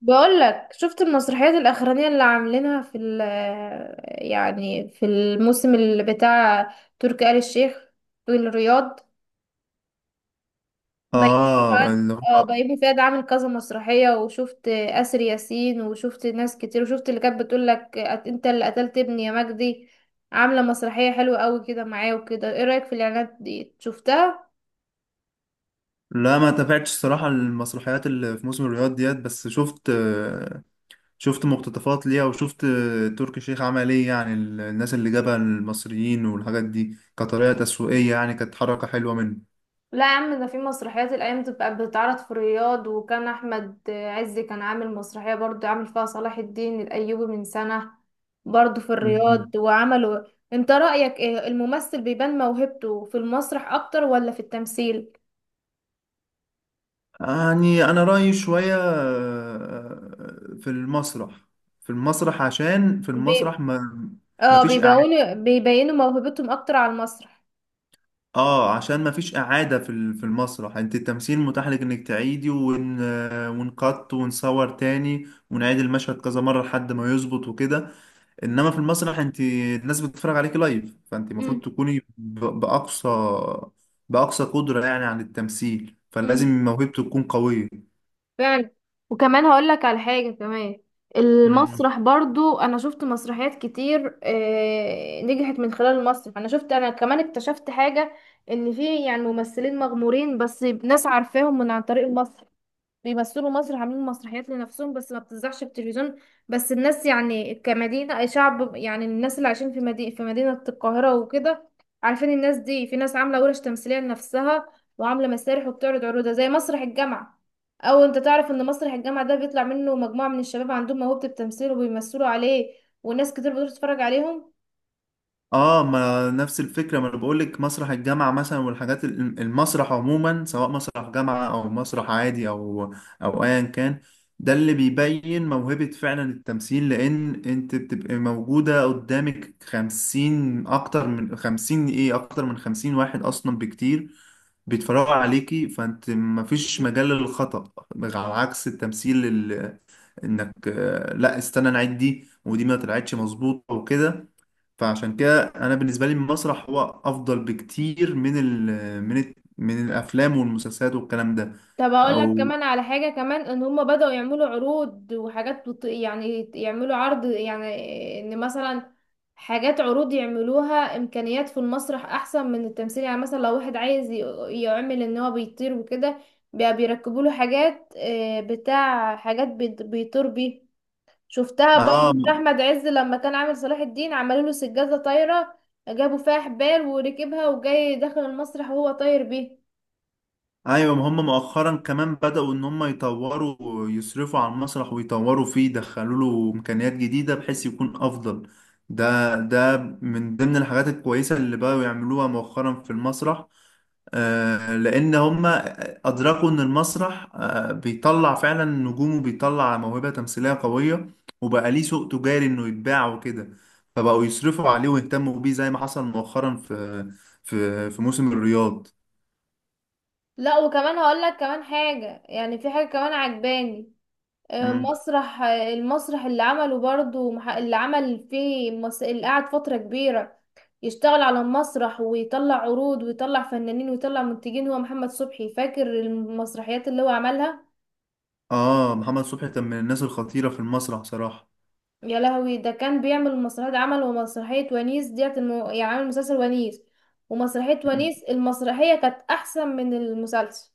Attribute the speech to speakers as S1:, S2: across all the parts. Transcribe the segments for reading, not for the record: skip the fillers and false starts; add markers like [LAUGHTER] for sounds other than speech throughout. S1: بقول لك شفت المسرحيات الأخرانية اللي عاملينها في في الموسم اللي بتاع تركي آل الشيخ في الرياض. بيومي
S2: اه
S1: فؤاد.
S2: اللي
S1: اه،
S2: هو
S1: بيومي فؤاد عامل كذا مسرحية، وشفت آسر ياسين، وشفت ناس كتير، وشفت اللي كانت بتقول لك: انت اللي قتلت ابني يا مجدي. عاملة مسرحية حلوة قوي كده معاه وكده. ايه رأيك في الإعلانات دي، شفتها؟
S2: لا ما تابعتش الصراحة المسرحيات اللي في موسم الرياض ديت، بس شفت مقتطفات ليها وشفت تركي الشيخ عمل ايه. يعني الناس اللي جابها المصريين والحاجات دي كطريقة تسويقية يعني كانت حركة حلوة منه.
S1: لا يا عم، ده في مسرحيات الايام بتبقى بتتعرض في الرياض، وكان احمد عز كان عامل مسرحيه برضو، عامل فيها صلاح الدين الايوبي من سنه، برضو في الرياض،
S2: مهم.
S1: وعملوا. انت رايك ايه؟ الممثل بيبان موهبته في المسرح اكتر ولا في التمثيل؟
S2: يعني أنا رأيي شوية في المسرح. عشان في
S1: بي...
S2: المسرح ما ما
S1: اه،
S2: فيش
S1: بيبينوا موهبتهم اكتر على المسرح.
S2: اه عشان ما فيش اعاده في المسرح، انت التمثيل متاح لك انك تعيدي ونقط ونصور تاني ونعيد المشهد كذا مره لحد ما يظبط وكده. انما في المسرح انت الناس بتتفرج عليكي لايف، فانت المفروض تكوني باقصى قدره يعني عن التمثيل،
S1: امم
S2: فلازم موهبته تكون قويه.
S1: فعلا. وكمان هقول لك على حاجة كمان. المسرح برضو، انا شفت مسرحيات كتير نجحت من خلال المسرح. انا شفت، انا كمان اكتشفت حاجة: ان في ممثلين مغمورين بس ناس عارفاهم من عن طريق المسرح، بيمثلوا مصر، عاملين مسرحيات لنفسهم بس ما بتذاعش في التلفزيون. بس الناس يعني كمدينة أي شعب، يعني الناس اللي عايشين في مدينة في مدينة القاهرة وكده، عارفين الناس دي. في ناس عاملة ورش تمثيلية لنفسها، وعاملة مسارح وبتعرض عروضها زي مسرح الجامعة. أو أنت تعرف إن مسرح الجامعة ده بيطلع منه مجموعة من الشباب عندهم موهبة التمثيل، وبيمثلوا عليه، وناس كتير بتروح تتفرج عليهم.
S2: اه ما نفس الفكره، ما انا بقول لك مسرح الجامعه مثلا المسرح عموما سواء مسرح جامعه او مسرح عادي او ايا كان، ده اللي بيبين موهبه فعلا التمثيل، لان انت بتبقى موجوده قدامك خمسين، اكتر من خمسين، ايه، اكتر من خمسين واحد اصلا بكتير بيتفرجوا عليكي، فانت مفيش مجال للخطأ. على عكس انك لا استنى نعيد دي، ودي ما طلعتش مظبوطه وكده. فعشان كده انا بالنسبه لي المسرح هو افضل بكتير من الافلام والمسلسلات والكلام ده.
S1: طب هقول لك
S2: او
S1: كمان على حاجة كمان: ان هم بدأوا يعملوا عروض وحاجات يعني يعملوا عرض، يعني ان مثلا حاجات عروض يعملوها. امكانيات في المسرح احسن من التمثيل. يعني مثلا لو واحد عايز يعمل ان هو بيطير وكده، بقى بيركبوا له حاجات، بتاع حاجات بيطير بيه. شفتها
S2: اه.
S1: برضو في احمد عز لما كان عامل صلاح الدين، عملوا له سجادة طايرة، جابوا فيها حبال، وركبها وجاي داخل المسرح وهو طاير بيه.
S2: ايوه ما هم مؤخرا كمان بدأوا ان هم يطوروا، يصرفوا على المسرح ويطوروا فيه، يدخلوا له امكانيات جديده بحيث يكون افضل. ده من ضمن الحاجات الكويسه اللي بقوا يعملوها مؤخرا في المسرح. لان هم ادركوا ان المسرح بيطلع فعلا نجوم وبيطلع موهبه تمثيليه قويه، وبقى ليه سوق تجاري انه يتباع وكده. فبقوا يصرفوا عليه ويهتموا بيه زي ما حصل مؤخرا في موسم الرياض.
S1: لا، وكمان هقول لك كمان حاجة، يعني في حاجة كمان عجباني.
S2: مم.
S1: مسرح المسرح اللي عمله برضو، اللي عمل فيه اللي قعد فترة كبيرة يشتغل على المسرح، ويطلع عروض، ويطلع فنانين، ويطلع منتجين، هو محمد صبحي. فاكر المسرحيات اللي هو عملها؟
S2: اه محمد صبحي كان من الناس الخطيرة في المسرح صراحة.
S1: يا لهوي، ده كان بيعمل مسرحيات، عمل ومسرحية ونيس ديت يعني عامل مسلسل ونيس ومسرحية
S2: مم.
S1: ونيس. المسرحية كانت أحسن من المسلسل.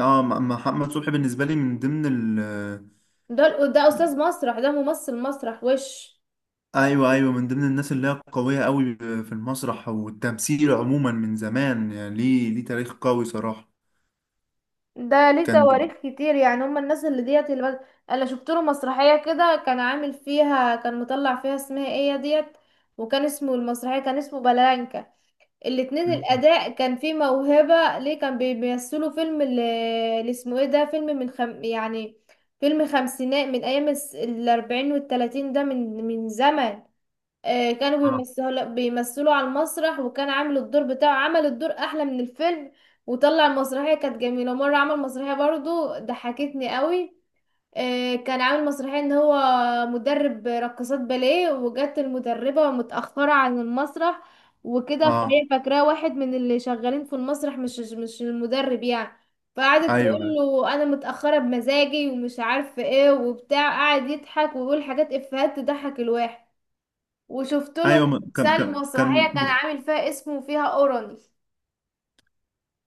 S2: اه محمد صبحي بالنسبة لي من ضمن ال.
S1: ده أستاذ مسرح، ده ممثل مسرح وش.
S2: ايوه، ايوه، من ضمن الناس اللي هي قوية قوي في المسرح والتمثيل عموما من زمان، يعني ليه تاريخ قوي صراحة.
S1: ده ليه
S2: كان بي...
S1: تواريخ كتير، يعني هم الناس اللي ديت انا شفت له مسرحيه كده، كان عامل فيها، كان مطلع فيها اسمها ايه ديت، وكان اسمه المسرحيه، كان اسمه بلانكا. الاتنين
S2: مم.
S1: الاداء كان فيه موهبه ليه. كان بيمثلوا فيلم اللي اسمه ايه ده. فيلم يعني فيلم خمسينات، من ايام الاربعين والتلاتين، ده من زمن. كانوا
S2: اه
S1: بيمثلوا بيمثلوا على المسرح، وكان عامل الدور بتاعه، عمل الدور احلى من الفيلم، وطلع المسرحيه كانت جميله مره. عمل مسرحيه برضو ضحكتني قوي. كان عامل مسرحيه ان هو مدرب رقصات باليه، وجت المدربه متاخره عن المسرح وكده،
S2: اه.
S1: فهي فاكراه واحد من اللي شغالين في المسرح، مش المدرب يعني. فقعدت تقول
S2: ايوه،
S1: له: انا متاخره بمزاجي ومش عارفه ايه وبتاع. قعد يضحك ويقول حاجات افيهات تضحك الواحد. وشفت له
S2: ايوه، كان
S1: مسلسل
S2: كان كان
S1: مسرحية كان عامل فيها اسمه، فيها أورني.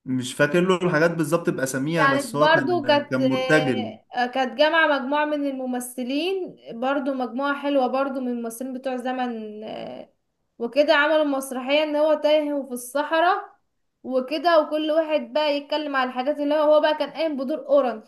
S2: مش فاكر له الحاجات بالظبط بأساميها،
S1: كانت
S2: بس هو
S1: برضو
S2: كان
S1: كانت
S2: كان مرتجل.
S1: كانت جامعة مجموعة من الممثلين، برضو مجموعة حلوة برضو من الممثلين بتوع زمن، وكده. عملوا مسرحية ان هو تايه وفي الصحراء وكده، وكل واحد بقى يتكلم على الحاجات اللي هو هو بقى كان قايم بدور أورني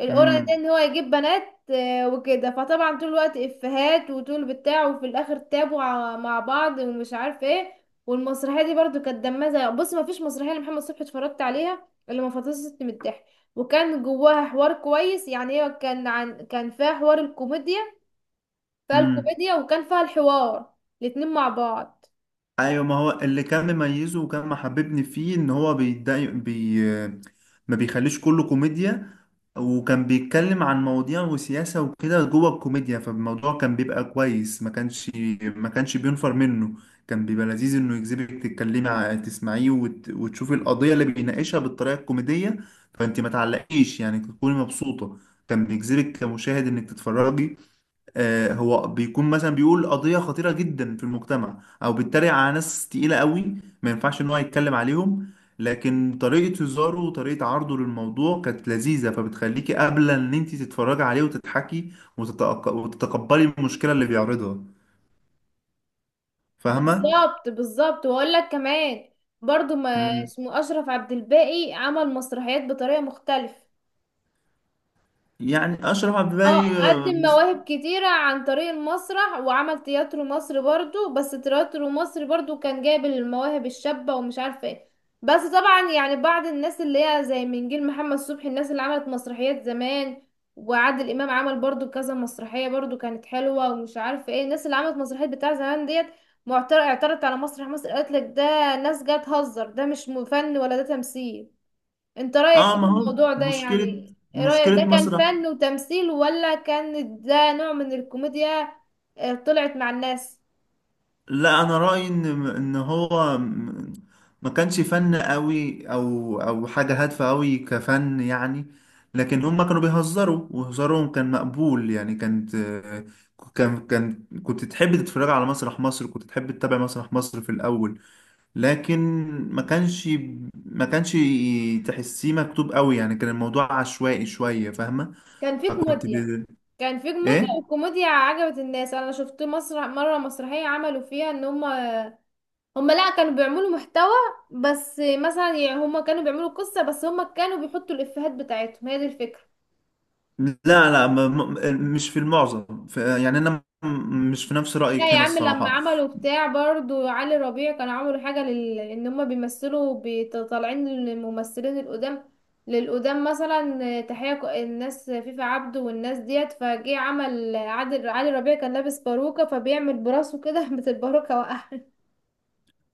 S1: القرعة، ده ان هو يجيب بنات وكده. فطبعا طول الوقت افيهات وطول بتاع، وفي الاخر تابوا مع بعض ومش عارف ايه. والمسرحيه دي برضو كانت دمها زي بص، ما فيش مسرحيه لمحمد صبحي اتفرجت عليها اللي ما فطستني من الضحك. وكان جواها حوار كويس، يعني هي كان عن، كان فيها حوار الكوميديا. فيها
S2: امم.
S1: الكوميديا وكان فيها الحوار، الاتنين مع بعض.
S2: ايوه ما هو اللي كان مميزه وكان محببني فيه ان هو بيدعي ما بيخليش كله كوميديا، وكان بيتكلم عن مواضيع وسياسة وكده جوه الكوميديا، فالموضوع كان بيبقى كويس، ما كانش بينفر منه، كان بيبقى لذيذ انه يجذبك تسمعيه وتشوفي القضية اللي بيناقشها بالطريقة الكوميدية. فانت ما تعلقيش يعني، تكوني مبسوطة، كان بيجذبك كمشاهد انك تتفرجي. هو بيكون مثلا بيقول قضية خطيرة جدا في المجتمع، او بيتريق على ناس تقيلة قوي ما ينفعش ان هو يتكلم عليهم، لكن طريقة هزاره وطريقة عرضه للموضوع كانت لذيذة، فبتخليكي قابلة ان انت تتفرجي عليه وتضحكي وتتقبلي المشكلة اللي بيعرضها. فاهمة؟
S1: بالظبط بالظبط، واقول لك كمان: برضو ما
S2: مم.
S1: اسمه، اشرف عبد الباقي، عمل مسرحيات بطريقه مختلفه.
S2: يعني اشرف عبد
S1: اه،
S2: الباقي
S1: قدم مواهب كتيرة عن طريق المسرح، وعمل تياترو مصر برضو. بس تياترو مصر برضو كان جايب المواهب الشابة ومش عارفة ايه. بس طبعا يعني بعض الناس اللي هي زي من جيل محمد صبحي، الناس اللي عملت مسرحيات زمان، وعادل امام عمل برضو كذا مسرحية برضو كانت حلوة، ومش عارفة ايه الناس اللي عملت مسرحيات بتاع زمان ديت، معترض اعترضت على مسرح مصر. قالت لك ده ناس جايه تهزر، ده مش فن، ولا ده تمثيل. انت رأيك ايه في
S2: ما هو
S1: الموضوع ده؟
S2: مشكلة،
S1: يعني ايه رأيك،
S2: مشكلة
S1: ده كان
S2: مسرح.
S1: فن وتمثيل ولا كان ده نوع من الكوميديا؟ طلعت مع الناس.
S2: لا انا رايي ان ما كانش فن قوي او حاجه هادفه قوي كفن يعني، لكن هم كانوا بيهزروا وهزارهم كان مقبول يعني. كان كان كنت تحب تتفرج على مسرح مصر، كنت تحب تتابع مسرح مصر في الاول، لكن ما كانش ما كانش تحسيه مكتوب قوي يعني، كان الموضوع عشوائي شويه، فاهمه.
S1: كان في
S2: فكنت
S1: كوميديا
S2: ب...
S1: كان في كوميديا
S2: ايه.
S1: والكوميديا عجبت الناس. انا شفت مسرح مرة، مسرحية عملوا فيها ان هم، هم لا، كانوا بيعملوا محتوى. بس مثلا يعني هم كانوا بيعملوا قصة، بس هم كانوا بيحطوا الإفيهات بتاعتهم، هي دي الفكرة.
S2: لا لا مش في المعظم، في يعني انا مش في نفس
S1: لا
S2: رايك
S1: يا
S2: هنا
S1: عم، لما
S2: الصراحه.
S1: عملوا بتاع برضو علي ربيع، كانوا عملوا حاجة ان هما بيمثلوا طالعين الممثلين القدام للقدام، مثلا تحية الناس فيفا عبده والناس ديت فجه. عمل عادل، علي ربيع كان لابس باروكة فبيعمل براسه كده [LAUGHS] بس الباروكة وقع،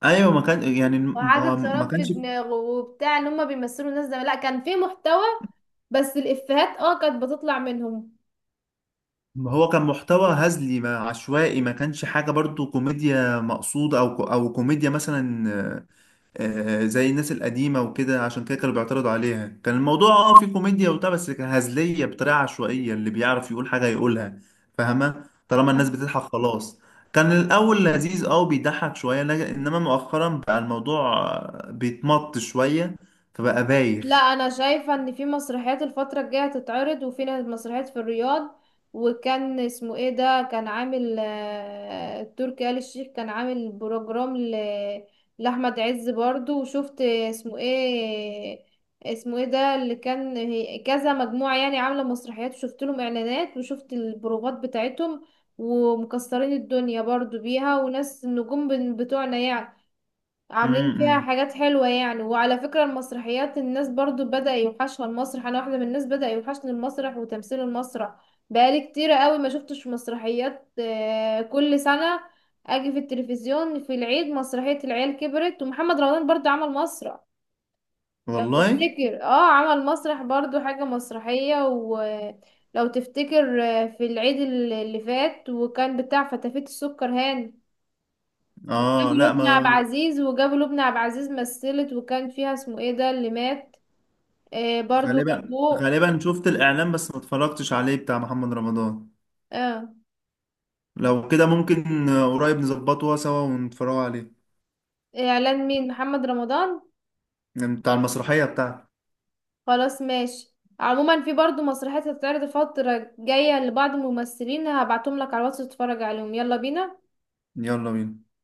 S2: ايوه ما كان يعني، ما
S1: وعادة
S2: هو ما
S1: شراب في
S2: كانش.
S1: دماغه وبتاع، ان هما بيمثلوا الناس زمان. لا، كان في محتوى، بس الإفيهات اه كانت بتطلع منهم.
S2: ما هو كان محتوى هزلي، ما عشوائي، ما كانش حاجه برضو كوميديا مقصوده او كوميديا مثلا زي الناس القديمة وكده، عشان كده كانوا بيعترضوا عليها. كان الموضوع اه فيه كوميديا وبتاع، بس كان هزلية بطريقة عشوائية، اللي بيعرف يقول حاجة يقولها. فاهمة طالما الناس بتضحك خلاص. كان الأول لذيذ اه بيضحك شوية، إنما مؤخرا بقى الموضوع بيتمط شوية، فبقى
S1: لا،
S2: بايخ.
S1: انا شايفه ان في مسرحيات الفتره الجايه هتتعرض، وفي مسرحيات في الرياض. وكان اسمه ايه ده كان عامل، تركي آل الشيخ كان عامل بروجرام لاحمد عز برضو. وشفت اسمه ايه، اسمه ايه ده اللي كان كذا مجموعه يعني، عامله مسرحيات، وشفت لهم اعلانات، وشفت البروفات بتاعتهم، ومكسرين الدنيا برضو بيها. وناس النجوم بتوعنا يعني عاملين فيها
S2: امم.
S1: حاجات حلوة يعني. وعلى فكرة المسرحيات، الناس برضو بدأ يوحشها المسرح، أنا واحدة من الناس بدأ يوحشني المسرح وتمثيل المسرح. بقالي كتير قوي ما شفتش مسرحيات كل سنة أجي في التلفزيون في العيد مسرحية العيال كبرت. ومحمد رمضان برضو عمل مسرح، لو
S2: والله.
S1: تفتكر، اه، عمل مسرح برضو حاجة مسرحية. ولو تفتكر، في العيد اللي فات، وكان بتاع فتافيت السكر هاني،
S2: اه.
S1: وجابوا
S2: لا
S1: لبنى عبد
S2: ما.
S1: العزيز، مثلت وكان فيها اسمه ايه ده اللي مات، آه برضو
S2: غالبا
S1: جابوه.
S2: غالبا شفت الإعلان بس ما اتفرجتش عليه، بتاع محمد رمضان.
S1: اه.
S2: لو كده ممكن قريب نظبطه سوا ونتفرجوا عليه.
S1: اعلان مين، محمد رمضان؟
S2: بتاع المسرحية بتاعتي.
S1: خلاص، ماشي. عموما في برضو مسرحيات هتتعرض الفترة الجاية لبعض الممثلين، هبعتهم لك على الواتس تتفرج عليهم. يلا بينا.
S2: يلا بينا.